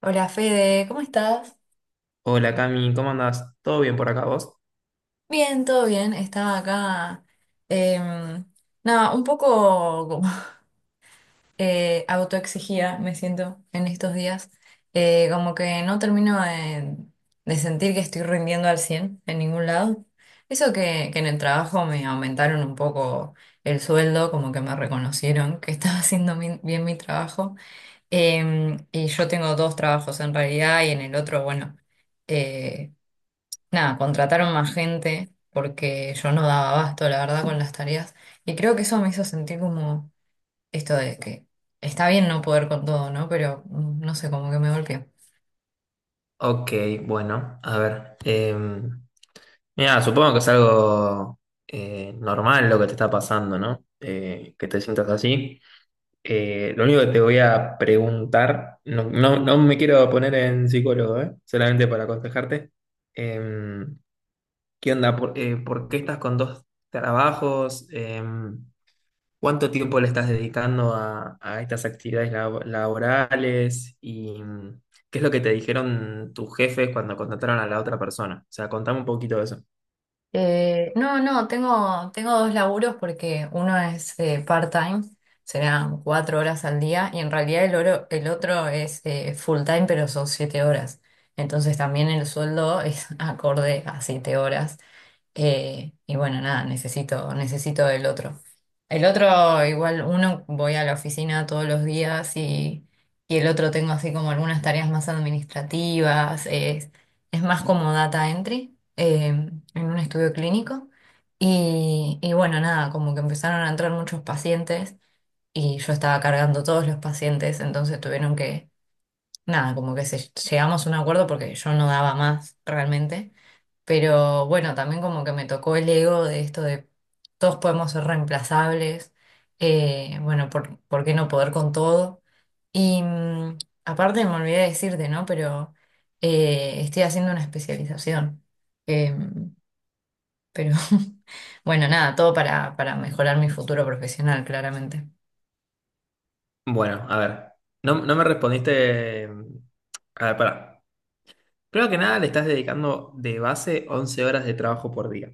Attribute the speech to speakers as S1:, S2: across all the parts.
S1: Hola Fede, ¿cómo estás?
S2: Hola Cami, ¿cómo andás? ¿Todo bien por acá vos?
S1: Bien, todo bien. Estaba acá, em, nada, un poco como, autoexigida me siento en estos días. Como que no termino de sentir que estoy rindiendo al 100 en ningún lado. Eso que en el trabajo me aumentaron un poco el sueldo, como que me reconocieron que estaba haciendo bien mi trabajo. Y yo tengo dos trabajos en realidad y en el otro, bueno. eh, Nada, contrataron más gente porque yo no daba abasto, la verdad, con las tareas. Y creo que eso me hizo sentir como esto de que está bien no poder con todo, ¿no? Pero no sé, como que me golpeó.
S2: Ok, bueno, a ver. Mira, supongo que es algo normal lo que te está pasando, ¿no? Que te sientas así. Lo único que te voy a preguntar, no me quiero poner en psicólogo, ¿eh? Solamente para aconsejarte. Em, ¿Qué onda? Por qué estás con dos trabajos? ¿Cuánto tiempo le estás dedicando a estas actividades laborales? ¿Y qué es lo que te dijeron tus jefes cuando contrataron a la otra persona? O sea, contame un poquito de eso.
S1: No, tengo dos laburos porque uno es part-time, serán 4 horas al día, y en realidad el otro es full-time, pero son 7 horas. Entonces también el sueldo es acorde a 7 horas. Y bueno, nada, necesito el otro. El otro, igual uno voy a la oficina todos los días y el otro tengo así como algunas tareas más administrativas, es más como data entry en un estudio clínico. Y bueno, nada, como que empezaron a entrar muchos pacientes y yo estaba cargando todos los pacientes, entonces tuvieron nada, llegamos a un acuerdo porque yo no daba más realmente. Pero bueno, también como que me tocó el ego de esto de todos podemos ser reemplazables, ¿por qué no poder con todo? Y aparte me olvidé decirte, ¿no? Pero estoy haciendo una especialización. Em, pero bueno, nada, todo para mejorar mi futuro profesional, claramente.
S2: Bueno, a ver, no me respondiste. A ver, pará. Primero que nada, le estás dedicando de base 11 horas de trabajo por día,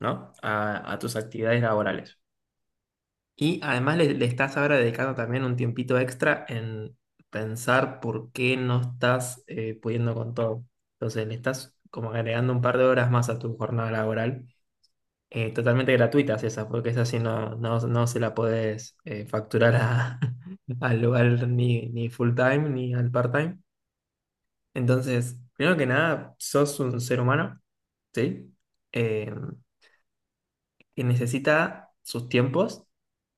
S2: ¿no? A tus actividades laborales. Y además le estás ahora dedicando también un tiempito extra en pensar por qué no estás pudiendo con todo. Entonces le estás como agregando un par de horas más a tu jornada laboral, totalmente gratuitas esas, porque esas sí no se la podés facturar al lugar ni full time ni al part time. Entonces, primero que nada, sos un ser humano, ¿sí? Eh, que necesita sus tiempos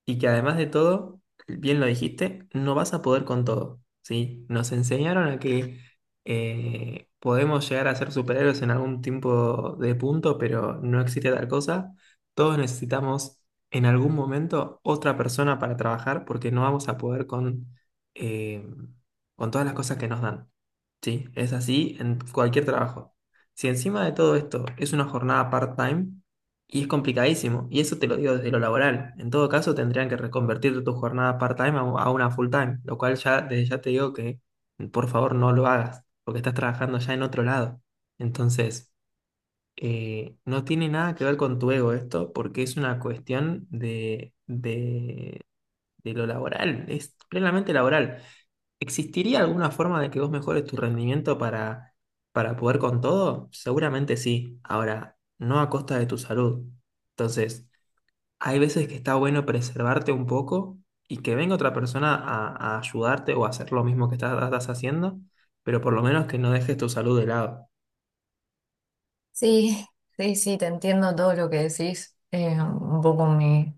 S2: y que además de todo, bien lo dijiste, no vas a poder con todo, ¿sí? Nos enseñaron a que podemos llegar a ser superhéroes en algún tipo de punto, pero no existe tal cosa. Todos necesitamos en algún momento otra persona para trabajar porque no vamos a poder con, eh, con todas las cosas que nos dan. Sí, es así en cualquier trabajo. Si encima de todo esto es una jornada part-time y es complicadísimo, y eso te lo digo desde lo laboral, en todo caso tendrían que reconvertir tu jornada part-time a una full-time, lo cual ya desde ya te digo que por favor no lo hagas, porque estás trabajando ya en otro lado. Entonces, no tiene nada que ver con tu ego esto, porque es una cuestión de lo laboral, es plenamente laboral. ¿Existiría alguna forma de que vos mejores tu rendimiento para poder con todo? Seguramente sí. Ahora, no a costa de tu salud. Entonces, hay veces que está bueno preservarte un poco y que venga otra persona a ayudarte o a hacer lo mismo que estás haciendo, pero por lo menos que no dejes tu salud de lado.
S1: Sí, sí, sí, te entiendo todo lo que decís. Un poco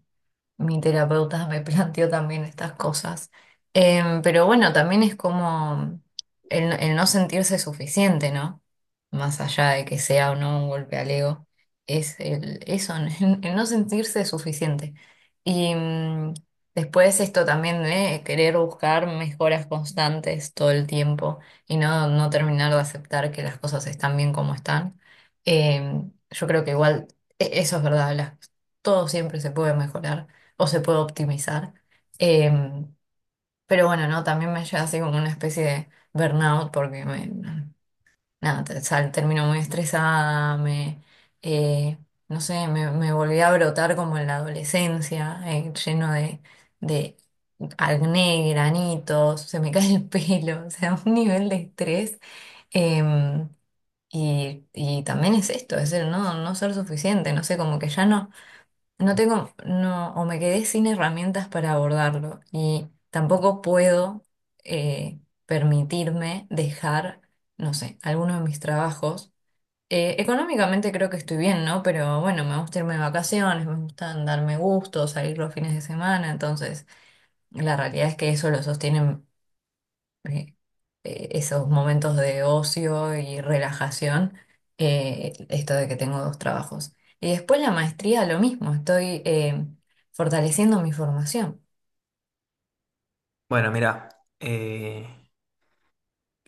S1: mi terapeuta me planteó también estas cosas. Pero bueno, también es como el no sentirse suficiente, ¿no? Más allá de que sea o no un golpe al ego, es eso, el no sentirse suficiente. Y después esto también de querer buscar mejoras constantes todo el tiempo y no terminar de aceptar que las cosas están bien como están. Yo creo que igual, eso es verdad, todo siempre se puede mejorar o se puede optimizar. Em, pero bueno, no, también me lleva así como una especie de burnout porque nada, termino muy estresada, eh, no sé, me volví a brotar como en la adolescencia, lleno de acné, granitos, se me cae el pelo, o sea, un nivel de estrés. em, y, y también es esto, es el no ser suficiente, no sé, como que ya no. O me quedé sin herramientas para abordarlo y tampoco puedo eh, permitirme dejar, no sé, alguno de mis trabajos. Económicamente creo que estoy bien, ¿no? Pero bueno, me gusta irme de vacaciones, me gusta darme gusto, salir los fines de semana, entonces la realidad es que eso lo sostiene eh, esos momentos de ocio y relajación, esto de que tengo dos trabajos. Y después la maestría, lo mismo, estoy fortaleciendo mi formación.
S2: Bueno, mira, eh,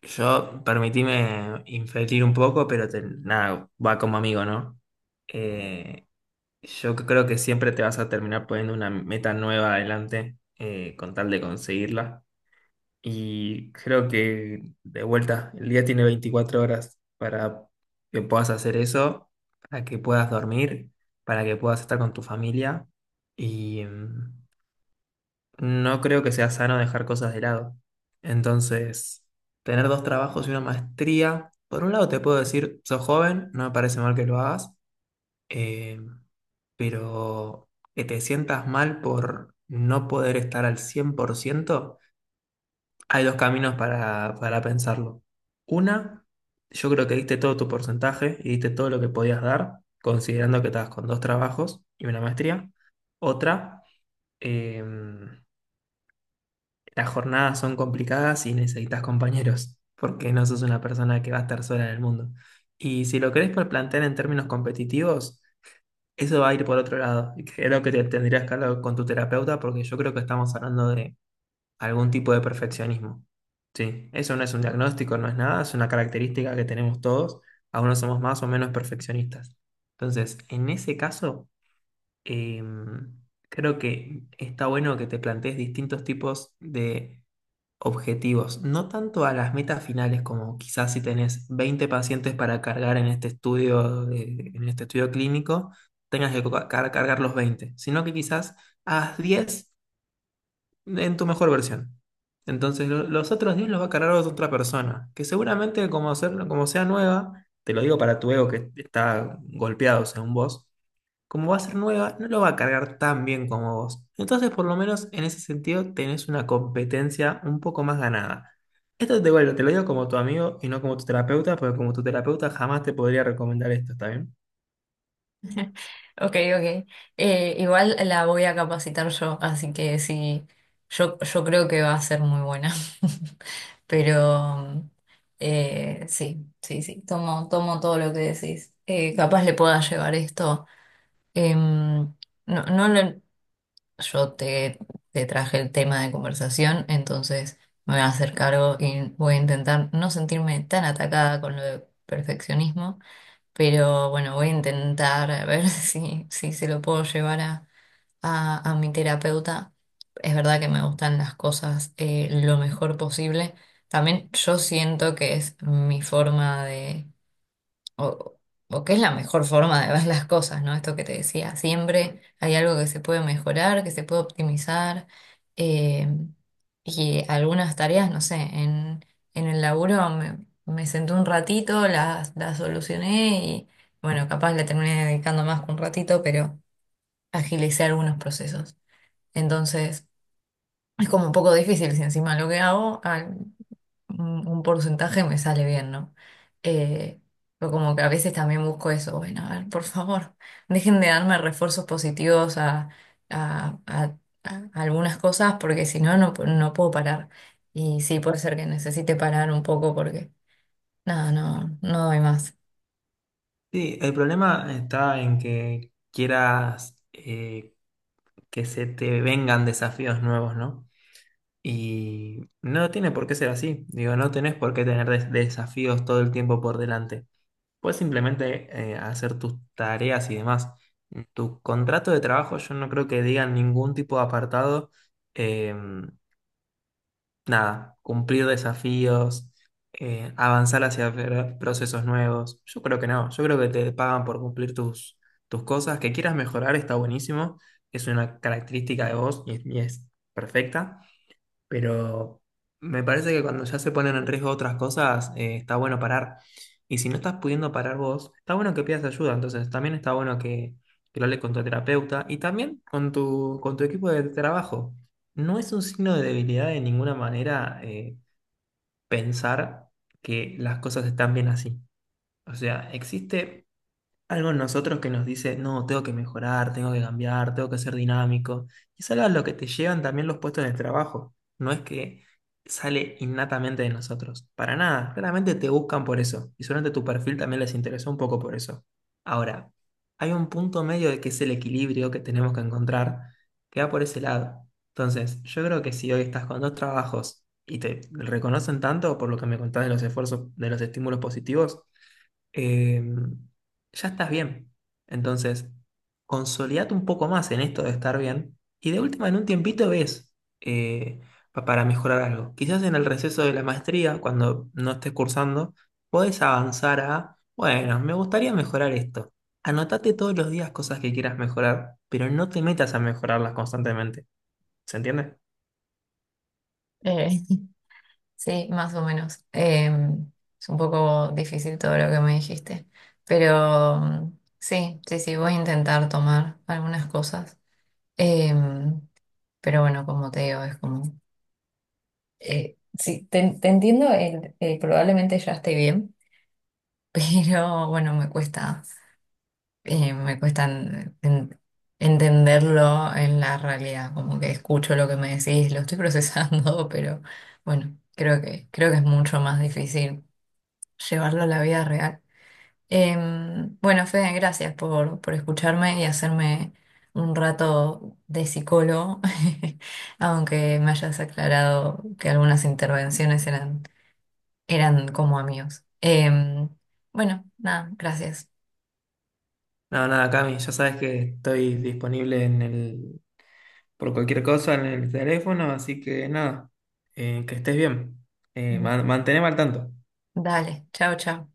S2: yo permitíme inferir un poco, pero nada, va como amigo, ¿no? Eh, Yo creo que siempre te vas a terminar poniendo una meta nueva adelante con tal de conseguirla. Y creo que de vuelta, el día tiene 24 horas para que puedas hacer eso, para que puedas dormir, para que puedas estar con tu familia. Y no creo que sea sano dejar cosas de lado. Entonces, tener dos trabajos y una maestría, por un lado te puedo decir, sos joven, no me parece mal que lo hagas eh, pero que te sientas mal por no poder estar al 100% hay dos caminos para pensarlo. Una, yo creo que diste todo tu porcentaje y diste todo lo que podías dar, considerando que estabas con dos trabajos y una maestría. Otra, eh, las jornadas son complicadas y necesitas compañeros, porque no sos una persona que va a estar sola en el mundo. Y si lo querés plantear en términos competitivos, eso va a ir por otro lado. Y creo que te tendrías que hablar con tu terapeuta porque yo creo que estamos hablando de algún tipo de perfeccionismo. Sí, eso no es un diagnóstico, no es nada, es una característica que tenemos todos. Algunos somos más o menos perfeccionistas. Entonces, en ese caso, em, creo que está bueno que te plantees distintos tipos de objetivos, no tanto a las metas finales como quizás si tenés 20 pacientes para cargar en este estudio, en este estudio clínico, tengas que cargar los 20 sino que quizás haz 10 en tu mejor versión. Entonces los otros 10 los va a cargar otra persona, que seguramente como, como sea nueva, te lo digo para tu ego que está golpeado según vos, como va a ser nueva, no lo va a cargar tan bien como vos. Entonces, por lo menos en ese sentido, tenés una competencia un poco más ganada. Esto te, bueno, te lo digo como tu amigo y no como tu terapeuta, porque como tu terapeuta jamás te podría recomendar esto, ¿está bien?
S1: Ok, ok. Igual la voy a capacitar yo, así que sí, yo creo que va a ser muy buena. Pero sí, sí, sí, tomo todo lo que decís. Capaz le pueda llevar esto. Em, no, no lo, Yo te traje el tema de conversación, entonces me voy a hacer cargo y voy a intentar no sentirme tan atacada con lo de perfeccionismo, pero bueno, voy a intentar a ver si se lo puedo llevar a mi terapeuta. Es verdad que me gustan las cosas lo mejor posible. También yo siento que es mi forma de o, o qué es la mejor forma de ver las cosas, ¿no? Esto que te decía, siempre hay algo que se puede mejorar, que se puede optimizar, eh, y algunas tareas, no sé, en el laburo me senté un ratito, las solucioné y bueno, capaz le terminé dedicando más que un ratito, pero agilicé algunos procesos. Entonces, es como un poco difícil si encima lo que hago, un porcentaje me sale bien, ¿no? Eh, pero como que a veces también busco eso, bueno, a ver, por favor, dejen de darme refuerzos positivos a- a- a algunas cosas porque si no, no puedo parar. Y sí, puede ser que necesite parar un poco porque, nada, no doy más.
S2: Sí, el problema está en que quieras que se te vengan desafíos nuevos, ¿no? Y no tiene por qué ser así. Digo, no tenés por qué tener desafíos todo el tiempo por delante. Puedes simplemente hacer tus tareas y demás. En tu contrato de trabajo yo no creo que diga ningún tipo de apartado, eh, nada, cumplir desafíos, avanzar hacia procesos nuevos. Yo creo que no, yo creo que te pagan por cumplir tus cosas, que quieras mejorar está buenísimo, es una característica de vos y es perfecta, pero me parece que cuando ya se ponen en riesgo otras cosas, está bueno parar. Y si no estás pudiendo parar vos, está bueno que pidas ayuda. Entonces, también está bueno que lo hables con tu terapeuta y también con con tu equipo de trabajo. No es un signo de debilidad de ninguna manera pensar que las cosas están bien así. O sea, existe algo en nosotros que nos dice, no, tengo que mejorar, tengo que cambiar, tengo que ser dinámico. Y es algo a lo que te llevan también los puestos de trabajo. No es que sale innatamente de nosotros. Para nada. Claramente te buscan por eso. Y seguramente tu perfil también les interesó un poco por eso. Ahora, hay un punto medio de que es el equilibrio que tenemos que encontrar que va por ese lado. Entonces, yo creo que si hoy estás con dos trabajos y te reconocen tanto por lo que me contás de los esfuerzos, de los estímulos positivos, eh, ya estás bien. Entonces, consolidate un poco más en esto de estar bien y de última en un tiempito ves eh, para mejorar algo. Quizás en el receso de la maestría, cuando no estés cursando, podés avanzar a, bueno, me gustaría mejorar esto. Anotate todos los días cosas que quieras mejorar, pero no te metas a mejorarlas constantemente. ¿Se entiende?
S1: Eh, sí, más o menos. Es un poco difícil todo lo que me dijiste, pero sí, sí, sí, voy a intentar tomar algunas cosas. Em, Pero bueno, como te digo, es como... sí, te entiendo, probablemente ya esté bien, pero bueno, me cuesta entenderlo en la realidad, como que escucho lo que me decís, lo estoy procesando, pero bueno, creo que es mucho más difícil llevarlo a la vida real. Bueno, Fede, gracias por escucharme y hacerme un rato de psicólogo, aunque me hayas aclarado que algunas intervenciones eran como amigos. Em, bueno, nada, gracias.
S2: No, nada, Cami, ya sabes que estoy disponible en el, por cualquier cosa en el teléfono, así que nada, que estés bien, manteneme al tanto.
S1: Dale, chao, chao.